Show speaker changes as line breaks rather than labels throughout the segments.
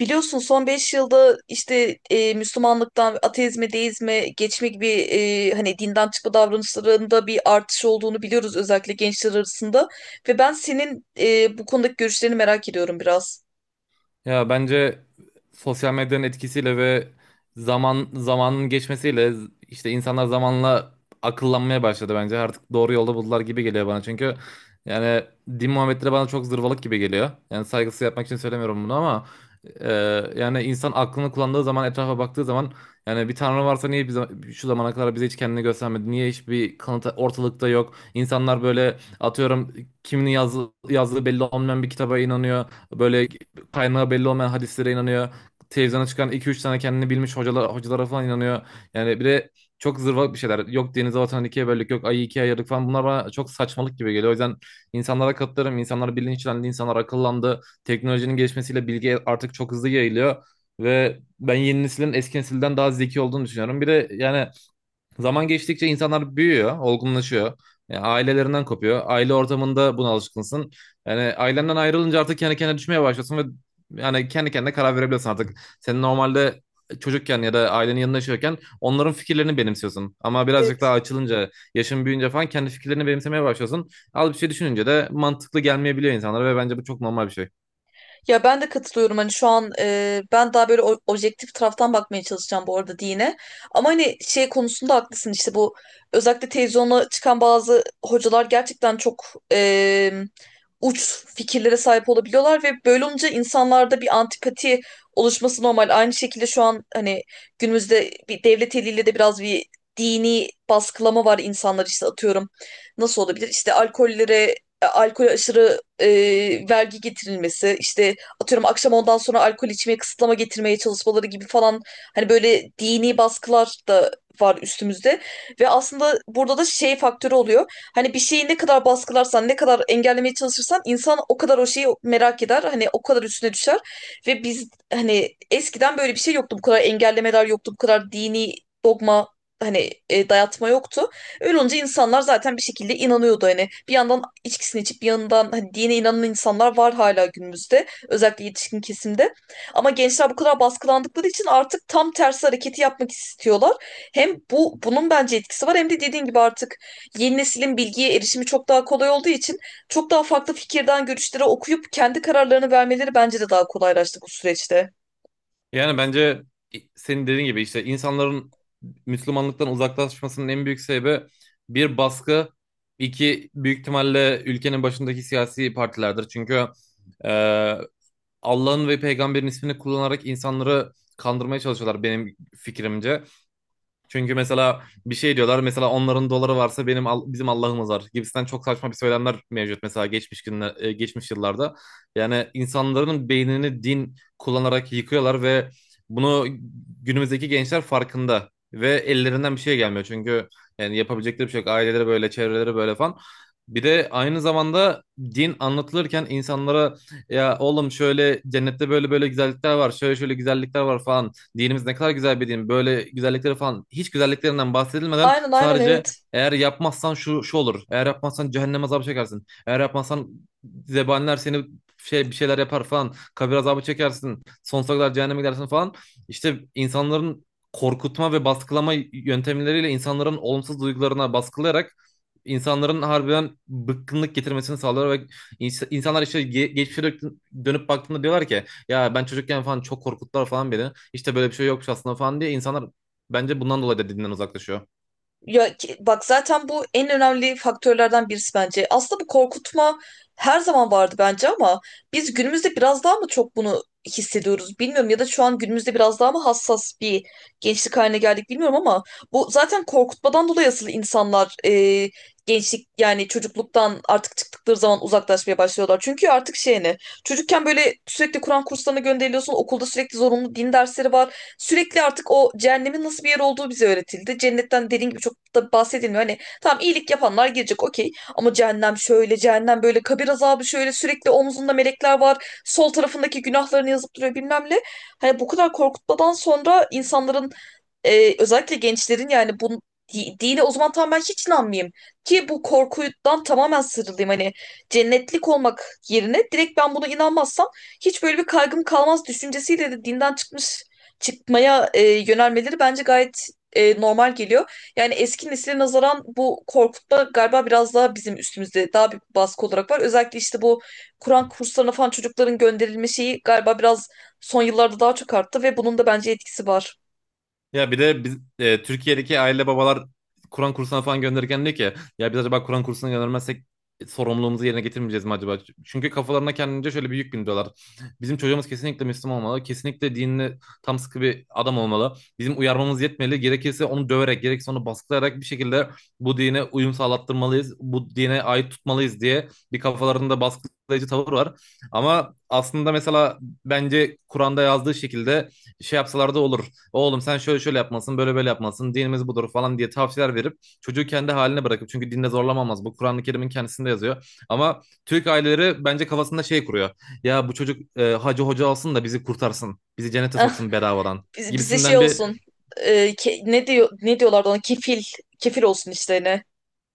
Biliyorsun son 5 yılda işte Müslümanlıktan ateizme, deizme geçme gibi hani dinden çıkma davranışlarında bir artış olduğunu biliyoruz, özellikle gençler arasında. Ve ben senin bu konudaki görüşlerini merak ediyorum biraz.
Ya bence sosyal medyanın etkisiyle ve zamanın geçmesiyle işte insanlar zamanla akıllanmaya başladı bence. Artık doğru yolda buldular gibi geliyor bana. Çünkü yani din muhabbetleri bana çok zırvalık gibi geliyor. Yani saygısız yapmak için söylemiyorum bunu ama e, yani insan aklını kullandığı zaman etrafa baktığı zaman yani bir tanrı varsa niye bize, şu zamana kadar bize hiç kendini göstermedi? Niye hiçbir kanıt ortalıkta yok? İnsanlar böyle atıyorum yazdığı belli olmayan bir kitaba inanıyor. Böyle kaynağı belli olmayan hadislere inanıyor. Televizyona çıkan iki üç tane kendini bilmiş hocalara falan inanıyor. Yani bir de çok zırvalık bir şeyler. Yok denize vatanı ikiye böldük, yok ayı ikiye ayırdık falan. Bunlar bana çok saçmalık gibi geliyor. O yüzden insanlara katılırım. İnsanlar bilinçlendi, insanlar akıllandı. Teknolojinin gelişmesiyle bilgi artık çok hızlı yayılıyor. Ve ben yeni neslin eski nesilden daha zeki olduğunu düşünüyorum. Bir de yani zaman geçtikçe insanlar büyüyor, olgunlaşıyor. Yani ailelerinden kopuyor. Aile ortamında buna alışkınsın. Yani ailenden ayrılınca artık kendi kendine düşmeye başlasın ve yani kendi kendine karar verebilirsin artık. Senin normalde çocukken ya da ailenin yanında yaşıyorken onların fikirlerini benimsiyorsun. Ama birazcık daha
Evet.
açılınca, yaşın büyüyünce falan kendi fikirlerini benimsemeye başlıyorsun. Al bir şey düşününce de mantıklı gelmeyebiliyor insanlara ve bence bu çok normal bir şey.
Ya ben de katılıyorum, hani şu an ben daha böyle objektif taraftan bakmaya çalışacağım bu arada dine. Ama hani şey konusunda haklısın, işte bu özellikle televizyona çıkan bazı hocalar gerçekten çok e, uç fikirlere sahip olabiliyorlar ve böyle olunca insanlarda bir antipati oluşması normal. Aynı şekilde şu an hani günümüzde bir devlet eliyle de biraz bir dini baskılama var, insanlar işte atıyorum. Nasıl olabilir? İşte alkollere alkol aşırı vergi getirilmesi, işte atıyorum akşam ondan sonra alkol içmeye kısıtlama getirmeye çalışmaları gibi falan, hani böyle dini baskılar da var üstümüzde ve aslında burada da şey faktörü oluyor. Hani bir şeyi ne kadar baskılarsan, ne kadar engellemeye çalışırsan insan o kadar o şeyi merak eder. Hani o kadar üstüne düşer ve biz hani eskiden böyle bir şey yoktu. Bu kadar engellemeler yoktu. Bu kadar dini dogma, hani dayatma yoktu. Öyle olunca insanlar zaten bir şekilde inanıyordu hani. Bir yandan içkisini içip bir yandan hani dine inanan insanlar var hala günümüzde. Özellikle yetişkin kesimde. Ama gençler bu kadar baskılandıkları için artık tam tersi hareketi yapmak istiyorlar. Hem bunun bence etkisi var, hem de dediğin gibi artık yeni neslin bilgiye erişimi çok daha kolay olduğu için çok daha farklı fikirden görüşlere okuyup kendi kararlarını vermeleri bence de daha kolaylaştı bu süreçte.
Yani bence senin dediğin gibi işte insanların Müslümanlıktan uzaklaşmasının en büyük sebebi bir baskı, iki büyük ihtimalle ülkenin başındaki siyasi partilerdir. Çünkü e, Allah'ın ve peygamberin ismini kullanarak insanları kandırmaya çalışıyorlar benim fikrimce. Çünkü mesela bir şey diyorlar, mesela onların doları varsa bizim Allah'ımız var gibisinden çok saçma bir söylemler mevcut mesela geçmiş yıllarda. Yani insanların beynini din kullanarak yıkıyorlar ve bunu günümüzdeki gençler farkında ve ellerinden bir şey gelmiyor. Çünkü yani yapabilecekleri bir şey yok. Aileleri böyle, çevreleri böyle falan. Bir de aynı zamanda din anlatılırken insanlara ya oğlum şöyle cennette böyle böyle güzellikler var, şöyle şöyle güzellikler var falan, dinimiz ne kadar güzel bir din. Böyle güzellikleri falan hiç güzelliklerinden bahsedilmeden
Aynen, aynen,
sadece
evet.
eğer yapmazsan şu şu olur. Eğer yapmazsan cehennem azabı çekersin. Eğer yapmazsan zebaniler seni şey bir şeyler yapar falan. Kabir azabı çekersin. Sonsuza kadar cehenneme gidersin falan. İşte insanların korkutma ve baskılama yöntemleriyle insanların olumsuz duygularına baskılayarak insanların harbiden bıkkınlık getirmesini sağlıyor ve insanlar işte geçmişe dönüp baktığında diyorlar ki ya ben çocukken falan çok korkuttular falan beni. İşte böyle bir şey yokmuş aslında falan diye insanlar bence bundan dolayı da dinden uzaklaşıyor.
Ya bak zaten bu en önemli faktörlerden birisi bence. Aslında bu korkutma her zaman vardı bence ama biz günümüzde biraz daha mı çok bunu hissediyoruz bilmiyorum, ya da şu an günümüzde biraz daha mı hassas bir gençlik haline geldik bilmiyorum ama bu zaten korkutmadan dolayı asıl insanlar, gençlik yani çocukluktan artık çıktıkları zaman uzaklaşmaya başlıyorlar. Çünkü artık şey ne, çocukken böyle sürekli Kur'an kurslarına gönderiliyorsun, okulda sürekli zorunlu din dersleri var. Sürekli artık o cehennemin nasıl bir yer olduğu bize öğretildi. Cennetten dediğin gibi çok da bahsedilmiyor. Hani tamam, iyilik yapanlar girecek, okey. Ama cehennem şöyle, cehennem böyle, kabir azabı şöyle, sürekli omzunda melekler var. Sol tarafındaki günahlarını yazıp duruyor bilmem ne. Hani bu kadar korkutmadan sonra insanların, özellikle gençlerin yani bu dine o zaman tam ben hiç inanmayayım. Ki bu korkudan tamamen sıyrılayım. Hani cennetlik olmak yerine direkt ben buna inanmazsam hiç böyle bir kaygım kalmaz düşüncesiyle de dinden çıkmaya yönelmeleri bence gayet normal geliyor. Yani eski nesile nazaran bu korkutma galiba biraz daha bizim üstümüzde daha bir baskı olarak var. Özellikle işte bu Kur'an kurslarına falan çocukların gönderilme şeyi galiba biraz son yıllarda daha çok arttı ve bunun da bence etkisi var.
Ya bir de Türkiye'deki aile babalar Kur'an kursuna falan gönderirken diyor ki ya biz acaba Kur'an kursuna göndermezsek sorumluluğumuzu yerine getirmeyeceğiz mi acaba? Çünkü kafalarına kendince şöyle bir yük bindiriyorlar. Bizim çocuğumuz kesinlikle Müslüman olmalı. Kesinlikle dinine tam sıkı bir adam olmalı. Bizim uyarmamız yetmeli. Gerekirse onu döverek, gerekirse onu baskılayarak bir şekilde bu dine uyum sağlattırmalıyız. Bu dine ait tutmalıyız diye bir kafalarında baskılayıcı tavır var. Ama aslında mesela bence Kur'an'da yazdığı şekilde şey yapsalar da olur. Oğlum sen şöyle şöyle yapmasın, böyle böyle yapmasın, dinimiz budur falan diye tavsiyeler verip çocuğu kendi haline bırakıp, çünkü dinde zorlamamaz. Bu Kur'an-ı Kerim'in kendisinde yazıyor. Ama Türk aileleri bence kafasında şey kuruyor. Ya bu çocuk hacı hoca alsın da bizi kurtarsın. Bizi cennete
Ah,
soksun bedavadan
bize şey
gibisinden bir.
olsun. Ne diyor, ne diyorlardı ona? Kefil. Kefil olsun işlerine.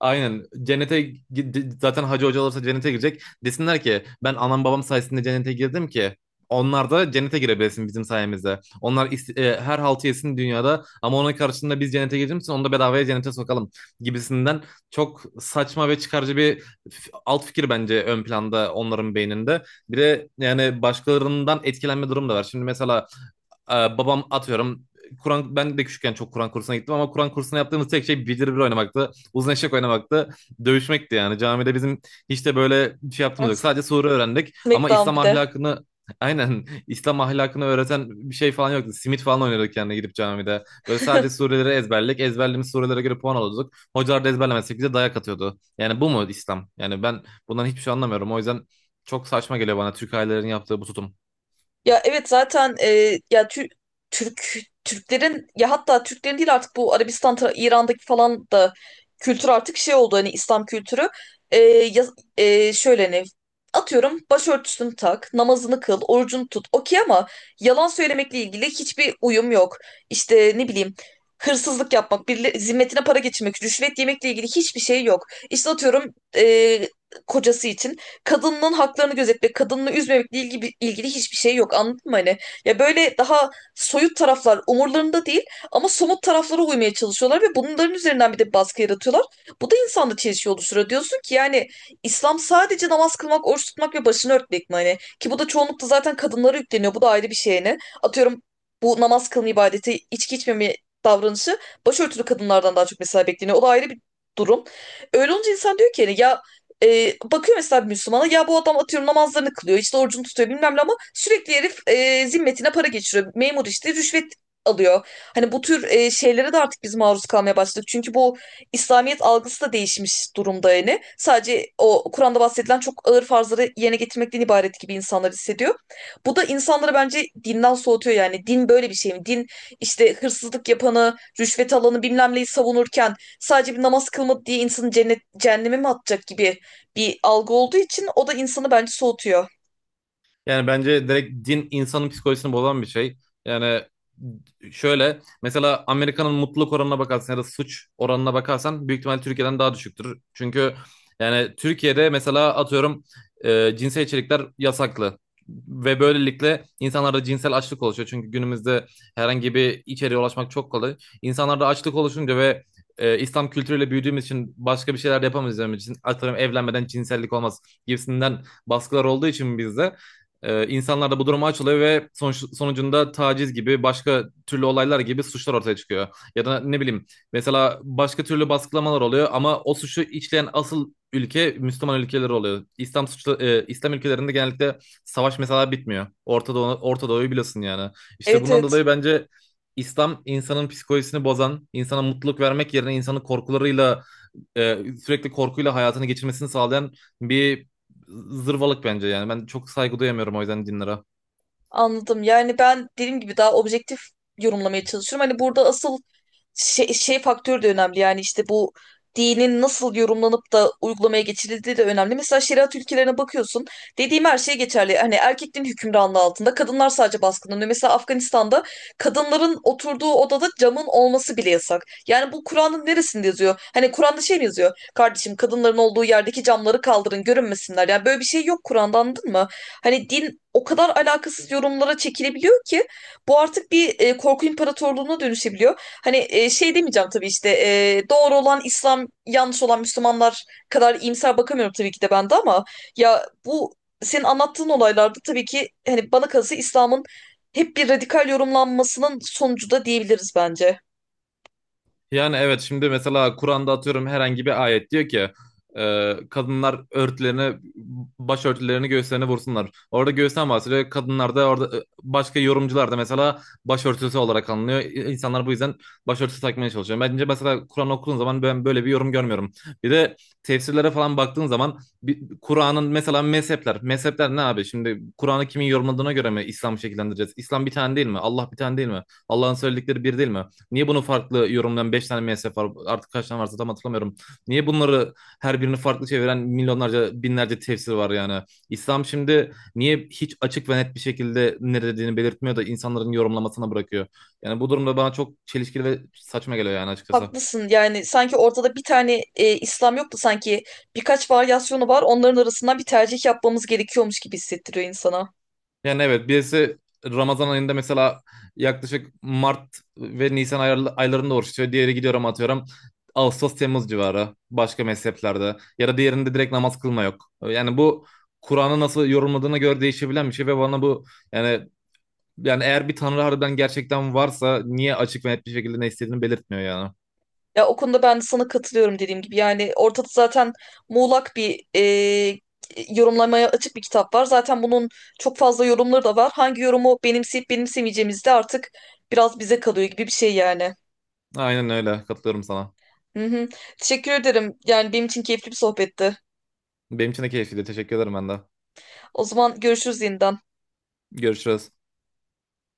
Aynen. Cennete zaten hacı hoca olursa cennete girecek. Desinler ki ben anam babam sayesinde cennete girdim ki onlar da cennete girebilsin bizim sayemizde. Onlar her haltı yesin dünyada ama onun karşılığında biz cennete girdiğimiz için onu da bedavaya cennete sokalım gibisinden çok saçma ve çıkarcı bir alt fikir bence ön planda onların beyninde. Bir de yani başkalarından etkilenme durum da var. Şimdi mesela e, babam atıyorum ben de küçükken çok Kur'an kursuna gittim ama Kur'an kursuna yaptığımız tek şey bildir bir oynamaktı. Uzun eşek oynamaktı. Dövüşmekti yani. Camide bizim hiç de böyle bir şey
Ah,
yaptığımız yok. Sadece sure öğrendik ama
Smackdown
İslam
bir de.
ahlakını aynen İslam ahlakını öğreten bir şey falan yoktu. Simit falan oynuyorduk yani gidip camide. Böyle sadece sureleri ezberledik. Ezberlediğimiz surelere göre puan alıyorduk. Hocalar da ezberlemezsek bize dayak atıyordu. Yani bu mu İslam? Yani ben bundan hiçbir şey anlamıyorum. O yüzden çok saçma geliyor bana Türk ailelerin yaptığı bu tutum.
Ya evet zaten ya Türk Türklerin, ya hatta Türklerin değil artık, bu Arabistan İran'daki falan da kültür artık şey oldu, hani İslam kültürü. E, ya- Şöyle hani atıyorum, başörtüsünü tak, namazını kıl, orucunu tut. Okey ama yalan söylemekle ilgili hiçbir uyum yok. İşte ne bileyim, hırsızlık yapmak, zimmetine para geçirmek, rüşvet yemekle ilgili hiçbir şey yok. İşte atıyorum kocası için kadının haklarını gözetmek, kadını üzmemekle ilgili hiçbir şey yok. Anladın mı hani? Ya böyle daha soyut taraflar umurlarında değil ama somut taraflara uymaya çalışıyorlar ve bunların üzerinden bir de baskı yaratıyorlar. Bu da insanda çelişki oluşturuyor. Diyorsun ki yani İslam sadece namaz kılmak, oruç tutmak ve başını örtmek mi hani? Ki bu da çoğunlukla zaten kadınlara yükleniyor. Bu da ayrı bir şey hani. Atıyorum bu namaz kılma ibadeti, içki içmeme davranışı başörtülü kadınlardan daha çok mesela bekleniyor. O da ayrı bir durum. Öyle olunca insan diyor ki yani ya, bakıyor mesela bir Müslümana, ya bu adam atıyorum namazlarını kılıyor, işte orucunu tutuyor, bilmem ne, ama sürekli herif zimmetine para geçiriyor. Memur, işte rüşvet alıyor. Hani bu tür şeylere de artık biz maruz kalmaya başladık. Çünkü bu İslamiyet algısı da değişmiş durumda yani. Sadece o Kur'an'da bahsedilen çok ağır farzları yerine getirmekten ibaret gibi insanlar hissediyor. Bu da insanları bence dinden soğutuyor yani. Din böyle bir şey mi? Din işte hırsızlık yapanı, rüşvet alanı, bilmem neyi savunurken sadece bir namaz kılmadı diye insanı cennet, cehenneme mi atacak gibi bir algı olduğu için, o da insanı bence soğutuyor.
Yani bence direkt din insanın psikolojisini bozan bir şey. Yani şöyle mesela Amerika'nın mutluluk oranına bakarsan ya da suç oranına bakarsan büyük ihtimal Türkiye'den daha düşüktür. Çünkü yani Türkiye'de mesela atıyorum cinsel içerikler yasaklı. Ve böylelikle insanlarda cinsel açlık oluşuyor. Çünkü günümüzde herhangi bir içeriğe ulaşmak çok kolay. İnsanlarda açlık oluşunca ve İslam kültürüyle büyüdüğümüz için başka bir şeyler yapamayacağımız için atıyorum evlenmeden cinsellik olmaz gibisinden baskılar olduğu için bizde insanlar da bu duruma açılıyor ve sonucunda taciz gibi başka türlü olaylar gibi suçlar ortaya çıkıyor. Ya da ne bileyim mesela başka türlü baskılamalar oluyor ama o suçu işleyen asıl ülke Müslüman ülkeleri oluyor. İslam suçlu, İslam ülkelerinde genellikle savaş mesela bitmiyor. Orta Doğu, Orta Doğu'yu biliyorsun yani. İşte
Evet,
bundan
evet.
dolayı bence İslam insanın psikolojisini bozan, insana mutluluk vermek yerine insanı korkularıyla e, sürekli korkuyla hayatını geçirmesini sağlayan bir zırvalık bence yani. Ben çok saygı duyamıyorum o yüzden dinlere.
Anladım. Yani ben dediğim gibi daha objektif yorumlamaya çalışıyorum. Hani burada asıl şey faktörü de önemli. Yani işte bu dinin nasıl yorumlanıp da uygulamaya geçirildiği de önemli. Mesela şeriat ülkelerine bakıyorsun. Dediğim her şey geçerli. Hani erkeklerin hükümranlığı altında. Kadınlar sadece baskınlanıyor. Mesela Afganistan'da kadınların oturduğu odada camın olması bile yasak. Yani bu Kur'an'ın neresinde yazıyor? Hani Kur'an'da şey mi yazıyor? Kardeşim, kadınların olduğu yerdeki camları kaldırın, görünmesinler. Yani böyle bir şey yok Kur'an'da, anladın mı? Hani din o kadar alakasız yorumlara çekilebiliyor ki bu artık bir korku imparatorluğuna dönüşebiliyor. Hani şey demeyeceğim tabii, işte doğru olan İslam, yanlış olan Müslümanlar kadar iyimser bakamıyorum tabii ki de ben de ama, ya bu senin anlattığın olaylarda tabii ki hani bana kalırsa İslam'ın hep bir radikal yorumlanmasının sonucu da diyebiliriz bence.
Yani evet, şimdi mesela Kur'an'da atıyorum herhangi bir ayet diyor ki kadınlar başörtülerini göğüslerine vursunlar. Orada göğüsten bahsediyor. Kadınlar da orada başka yorumcular da mesela başörtüsü olarak anlıyor. İnsanlar bu yüzden başörtüsü takmaya çalışıyor. Bence mesela Kur'an okuduğun zaman ben böyle bir yorum görmüyorum. Bir de tefsirlere falan baktığın zaman Kur'an'ın mesela mezhepler. Mezhepler ne abi? Şimdi Kur'an'ı kimin yorumladığına göre mi İslam'ı şekillendireceğiz? İslam bir tane değil mi? Allah bir tane değil mi? Allah'ın söyledikleri bir değil mi? Niye bunu farklı yorumlayan 5 tane MSF var artık kaç tane varsa tam hatırlamıyorum. Niye bunları her birini farklı çeviren milyonlarca binlerce tefsir var yani. İslam şimdi niye hiç açık ve net bir şekilde ne dediğini belirtmiyor da insanların yorumlamasına bırakıyor. Yani bu durumda bana çok çelişkili ve saçma geliyor yani açıkçası.
Haklısın, yani sanki ortada bir tane İslam yok da sanki birkaç varyasyonu var, onların arasından bir tercih yapmamız gerekiyormuş gibi hissettiriyor insana.
Yani evet birisi Ramazan ayında mesela yaklaşık Mart ve Nisan aylarında oruç tutuyor. Diğeri gidiyor ama atıyorum Ağustos Temmuz civarı başka mezheplerde ya da diğerinde direkt namaz kılma yok. Yani bu Kur'an'ı nasıl yorumladığına göre değişebilen bir şey ve bana bu yani eğer bir tanrı harbiden gerçekten varsa niye açık ve net bir şekilde ne istediğini belirtmiyor yani.
Ya o konuda ben de sana katılıyorum, dediğim gibi yani ortada zaten muğlak bir yorumlamaya açık bir kitap var. Zaten bunun çok fazla yorumları da var. Hangi yorumu benimseyip benimsemeyeceğimiz de artık biraz bize kalıyor gibi bir şey yani.
Aynen öyle, katılıyorum sana.
Hı hı. Teşekkür ederim, yani benim için keyifli bir sohbetti.
Benim için de keyifliydi. Teşekkür ederim ben de.
O zaman görüşürüz yeniden.
Görüşürüz.